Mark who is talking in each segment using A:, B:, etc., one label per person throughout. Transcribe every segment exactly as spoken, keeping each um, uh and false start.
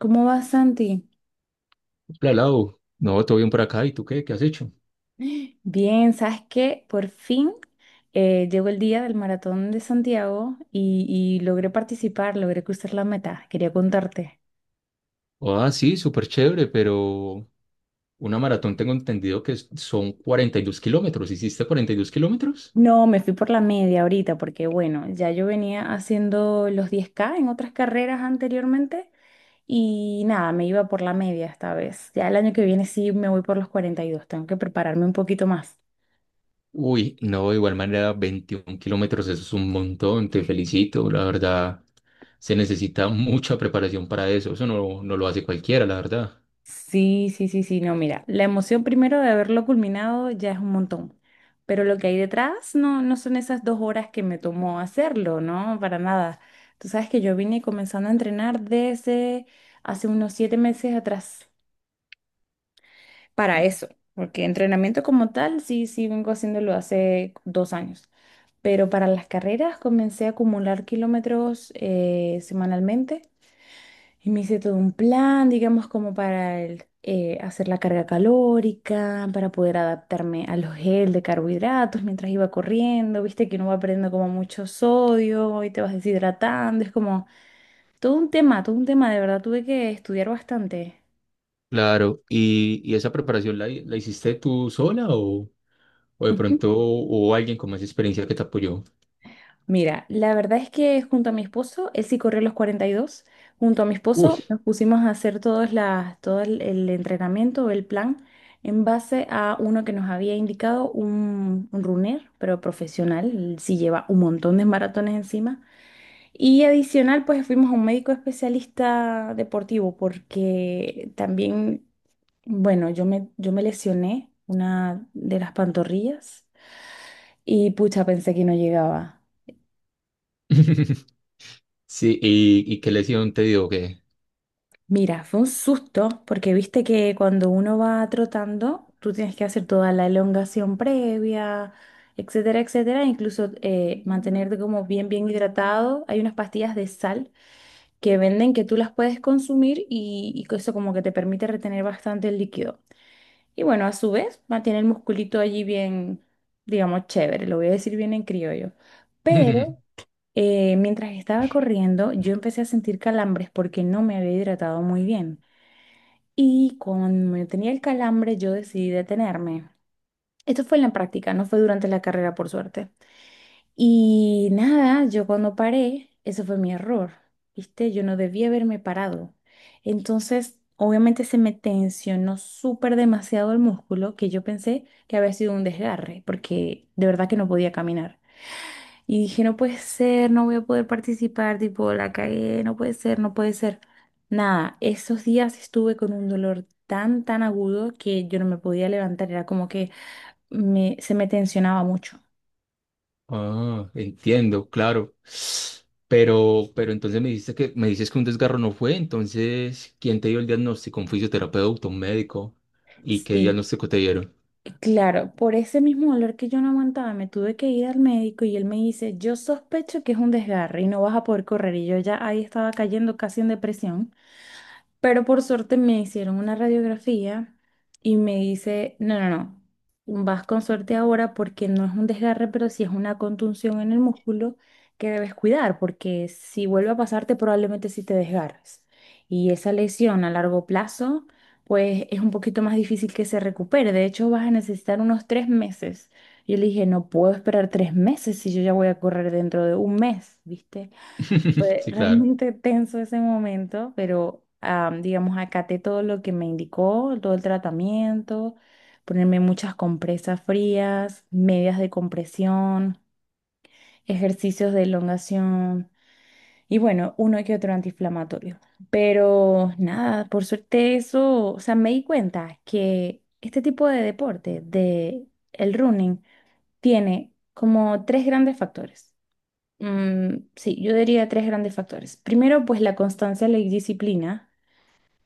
A: ¿Cómo vas, Santi?
B: Hola, Lau. No, todo bien por acá. ¿Y tú qué? ¿Qué has hecho?
A: Bien, ¿sabes qué? Por fin eh, llegó el día del maratón de Santiago y, y logré participar, logré cruzar la meta. Quería contarte.
B: Ah, sí, súper chévere, pero una maratón tengo entendido que es- son cuarenta y dos kilómetros. ¿Hiciste cuarenta y dos kilómetros?
A: No, me fui por la media ahorita porque, bueno, ya yo venía haciendo los diez ka en otras carreras anteriormente y nada, me iba por la media esta vez. Ya el año que viene sí me voy por los cuarenta y dos. Tengo que prepararme un poquito más.
B: Uy, no, de igual manera, veintiún kilómetros, eso es un montón. Te felicito, la verdad. Se necesita mucha preparación para eso. Eso no, no lo hace cualquiera, la verdad.
A: Sí, sí, sí, sí, no, mira, la emoción primero de haberlo culminado ya es un montón, pero lo que hay detrás no, no son esas dos horas que me tomó hacerlo, ¿no? Para nada. Tú sabes que yo vine comenzando a entrenar desde hace unos siete meses atrás para eso, porque entrenamiento como tal, sí, sí, vengo haciéndolo hace dos años, pero para las carreras comencé a acumular kilómetros eh, semanalmente. Y me hice todo un plan, digamos, como para el, eh, hacer la carga calórica, para poder adaptarme a los gel de carbohidratos mientras iba corriendo. Viste que uno va perdiendo como mucho sodio y te vas deshidratando. Es como todo un tema, todo un tema. De verdad tuve que estudiar bastante.
B: Claro. ¿Y, y esa preparación la, la hiciste tú sola o, o de pronto hubo alguien con más experiencia que te apoyó?
A: Mira, la verdad es que junto a mi esposo, él sí corrió los cuarenta y dos. Junto a mi
B: Uy.
A: esposo nos pusimos a hacer todas las, todo el, el entrenamiento, el plan, en base a uno que nos había indicado un, un runner, pero profesional, él sí lleva un montón de maratones encima. Y adicional, pues fuimos a un médico especialista deportivo, porque también, bueno, yo me, yo me lesioné una de las pantorrillas y pucha, pensé que no llegaba.
B: Sí, ¿y, y qué lesión te dio?
A: Mira, fue un susto porque viste que cuando uno va trotando, tú tienes que hacer toda la elongación previa, etcétera, etcétera, incluso eh, mantenerte como bien, bien hidratado. Hay unas pastillas de sal que venden que tú las puedes consumir y, y que eso como que te permite retener bastante el líquido. Y bueno, a su vez, mantiene el musculito allí bien, digamos, chévere, lo voy a decir bien en criollo. Pero eh, mientras estaba corriendo, yo empecé a sentir calambres porque no me había hidratado muy bien. Y cuando me tenía el calambre, yo decidí detenerme. Esto fue en la práctica, no fue durante la carrera, por suerte. Y nada, yo cuando paré, ese fue mi error, ¿viste? Yo no debía haberme parado. Entonces, obviamente se me tensionó súper demasiado el músculo que yo pensé que había sido un desgarre, porque de verdad que no podía caminar. Y dije, no puede ser, no voy a poder participar, tipo, la cagué, no puede ser, no puede ser. Nada, esos días estuve con un dolor tan, tan agudo que yo no me podía levantar, era como que me, se me tensionaba mucho.
B: Ah, entiendo, claro. Pero, pero entonces me dices que me dices que un desgarro no fue, entonces, ¿quién te dio el diagnóstico? ¿Un fisioterapeuta, un médico? ¿Y qué
A: Sí,
B: diagnóstico te dieron?
A: claro, por ese mismo dolor que yo no aguantaba, me tuve que ir al médico y él me dice, yo sospecho que es un desgarre y no vas a poder correr. Y yo ya ahí estaba cayendo casi en depresión. Pero por suerte me hicieron una radiografía y me dice, no, no, no, vas con suerte ahora porque no es un desgarre, pero sí es una contunción en el músculo que debes cuidar, porque si vuelve a pasarte probablemente sí te desgarres. Y esa lesión a largo plazo, pues es un poquito más difícil que se recupere. De hecho, vas a necesitar unos tres meses. Yo le dije, no puedo esperar tres meses si yo ya voy a correr dentro de un mes, ¿viste? Fue
B: Sí, claro.
A: realmente tenso ese momento, pero am, digamos, acaté todo lo que me indicó, todo el tratamiento, ponerme muchas compresas frías, medias de compresión, ejercicios de elongación y bueno, uno que otro antiinflamatorio. Pero nada, por suerte eso, o sea, me di cuenta que este tipo de deporte, de el running, tiene como tres grandes factores. Mm, sí, yo diría tres grandes factores. Primero, pues la constancia, la disciplina.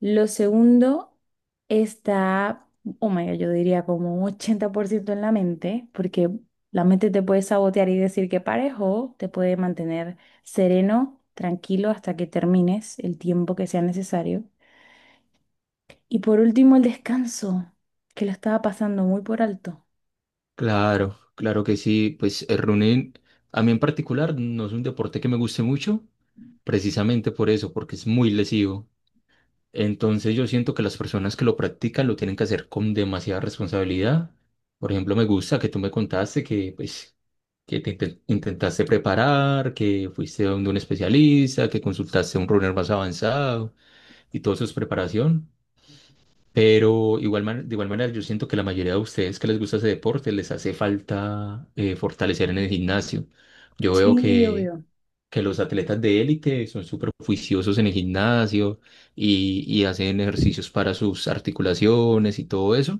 A: Lo segundo está, oh my God, yo diría como un ochenta por ciento en la mente, porque la mente te puede sabotear y decir que pares o te puede mantener sereno, tranquilo hasta que termines el tiempo que sea necesario. Y por último, el descanso, que lo estaba pasando muy por alto.
B: Claro, claro que sí. Pues el running, a mí en particular, no es un deporte que me guste mucho, precisamente por eso, porque es muy lesivo. Entonces yo siento que las personas que lo practican lo tienen que hacer con demasiada responsabilidad. Por ejemplo, me gusta que tú me contaste que, pues, que te inten- intentaste preparar, que fuiste donde un especialista, que consultaste a un runner más avanzado y todo eso es preparación. Pero igual, man- de igual manera yo siento que la mayoría de ustedes que les gusta ese deporte les hace falta eh, fortalecer en el gimnasio. Yo veo
A: Sí,
B: que
A: obvio.
B: que los atletas de élite son súper juiciosos en el gimnasio y, y hacen ejercicios para sus articulaciones y todo eso.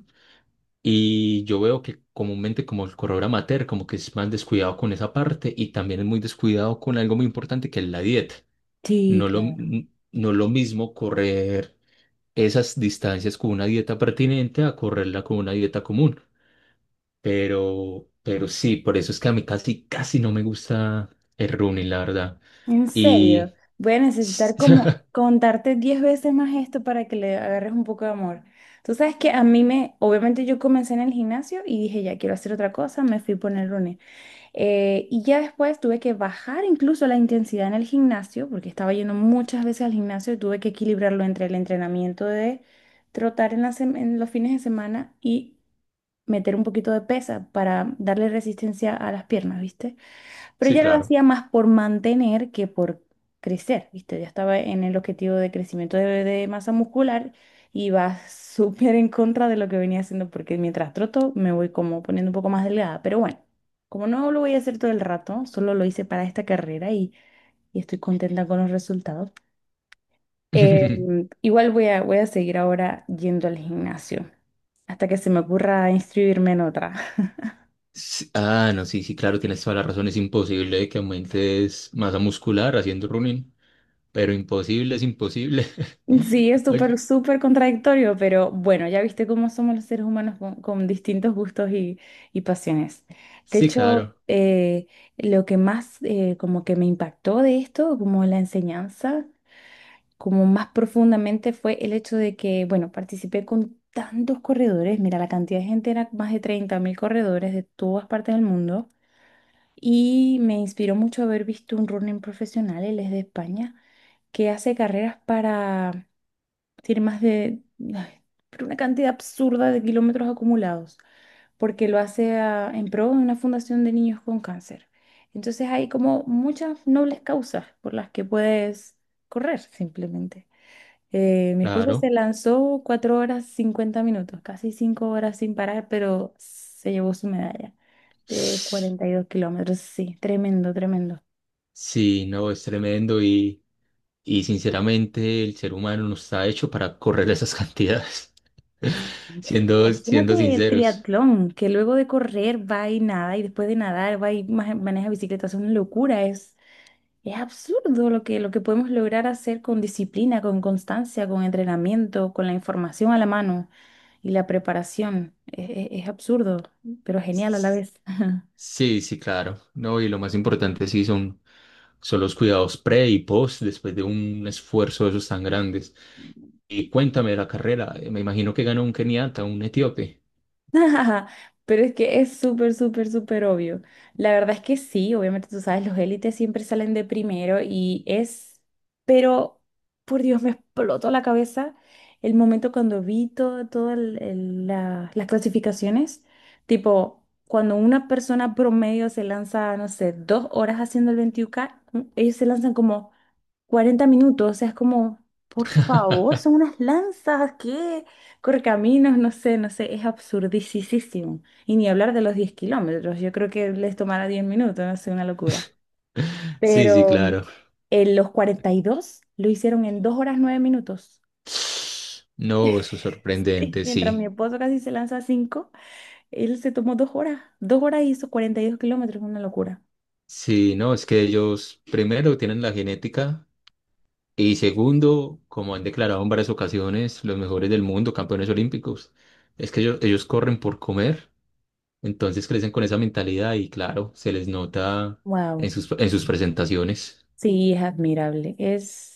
B: Y yo veo que comúnmente como el corredor amateur como que es más descuidado con esa parte y también es muy descuidado con algo muy importante que es la dieta.
A: Sí,
B: No lo,
A: claro.
B: n- no lo mismo correr esas distancias con una dieta pertinente a correrla con una dieta común. Pero, pero sí, por eso es que a mí casi, casi no me gusta el running, la verdad.
A: En serio,
B: Y
A: voy a necesitar como contarte diez veces más esto para que le agarres un poco de amor. Tú sabes que a mí me, obviamente yo comencé en el gimnasio y dije, ya quiero hacer otra cosa, me fui por el running. Eh, y ya después tuve que bajar incluso la intensidad en el gimnasio, porque estaba yendo muchas veces al gimnasio y tuve que equilibrarlo entre el entrenamiento de trotar en, la sem- en los fines de semana y meter un poquito de pesa para darle resistencia a las piernas, ¿viste? Pero
B: Sí,
A: ya lo
B: claro.
A: hacía más por mantener que por crecer, ¿viste? Ya estaba en el objetivo de crecimiento de, de masa muscular y va súper en contra de lo que venía haciendo porque mientras troto me voy como poniendo un poco más delgada. Pero bueno, como no lo voy a hacer todo el rato, solo lo hice para esta carrera y, y estoy contenta con los resultados. Eh, Igual voy a, voy a seguir ahora yendo al gimnasio hasta que se me ocurra inscribirme en otra.
B: Sí, ah, no, sí, sí, claro, tienes toda la razón. Es imposible que aumentes masa muscular haciendo running, pero imposible es imposible.
A: Sí, es súper,
B: Oye,
A: súper contradictorio, pero bueno, ya viste cómo somos los seres humanos con, con distintos gustos y, y pasiones. De
B: sí,
A: hecho,
B: claro,
A: eh, lo que más eh, como que me impactó de esto, como la enseñanza, como más profundamente fue el hecho de que, bueno, participé con tantos corredores, mira, la cantidad de gente era más de treinta mil corredores de todas partes del mundo y me inspiró mucho haber visto un running profesional, él es de España, que hace carreras para... Tiene más de, ay, pero una cantidad absurda de kilómetros acumulados, porque lo hace a- en pro de una fundación de niños con cáncer. Entonces hay como muchas nobles causas por las que puedes correr simplemente. Eh, mi esposo se
B: claro.
A: lanzó cuatro horas cincuenta minutos, casi cinco horas sin parar, pero se llevó su medalla de cuarenta y dos kilómetros. Sí, tremendo, tremendo.
B: Sí, no, es tremendo y, y sinceramente el ser humano no está hecho para correr esas cantidades, siendo, siendo
A: Imagínate el
B: sinceros.
A: triatlón, que luego de correr va y nada, y después de nadar va y ma- maneja bicicleta. Es una locura, es, es absurdo lo que, lo que podemos lograr hacer con disciplina, con constancia, con entrenamiento, con la información a la mano y la preparación. Es, es- es absurdo, pero genial a la vez.
B: Sí, sí, claro. No, y lo más importante sí son, son los cuidados pre y post después de un esfuerzo de esos tan grandes. Y cuéntame de la carrera. eh, Me imagino que ganó un keniata, un etíope.
A: Pero es que es súper, súper, súper obvio. La verdad es que sí, obviamente tú sabes, los élites siempre salen de primero y es, pero por Dios, me explotó la cabeza el momento cuando vi todo- todas el- el- la- las clasificaciones, tipo, cuando una persona promedio se lanza, no sé, dos horas haciendo el veintiún ka, ellos se lanzan como cuarenta minutos, o sea, es como, por favor, son unas lanzas, ¿qué? Correcaminos, no sé, no sé, es absurdicísimo. Y ni hablar de los diez kilómetros, yo creo que les tomará diez minutos, no sé, una locura.
B: Sí, sí,
A: Pero
B: claro.
A: en los cuarenta y dos lo hicieron en dos horas nueve minutos.
B: No, eso es
A: Sí,
B: sorprendente,
A: mientras mi
B: sí.
A: esposo casi se lanza a cinco, él se tomó dos horas. dos horas y hizo cuarenta y dos kilómetros, una locura.
B: Sí, no, es que ellos primero tienen la genética y segundo, como han declarado en varias ocasiones, los mejores del mundo, campeones olímpicos, es que ellos, ellos corren por comer. Entonces crecen con esa mentalidad y claro, se les nota
A: Wow,
B: en sus, en sus presentaciones.
A: sí, es admirable. Es.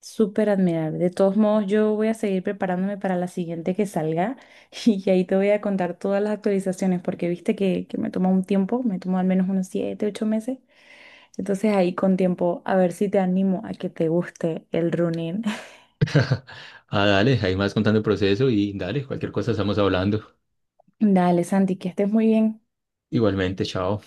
A: Súper admirable. De todos modos, yo voy a seguir preparándome para la siguiente que salga y ahí te voy a contar todas las actualizaciones porque viste que, que me toma un tiempo, me tomó al menos unos siete ocho meses. Entonces ahí con tiempo, a ver si te animo a que te guste el running.
B: Ah, dale, ahí más contando el proceso y dale, cualquier cosa estamos hablando.
A: Dale, Santi, que estés muy bien.
B: Igualmente, chao.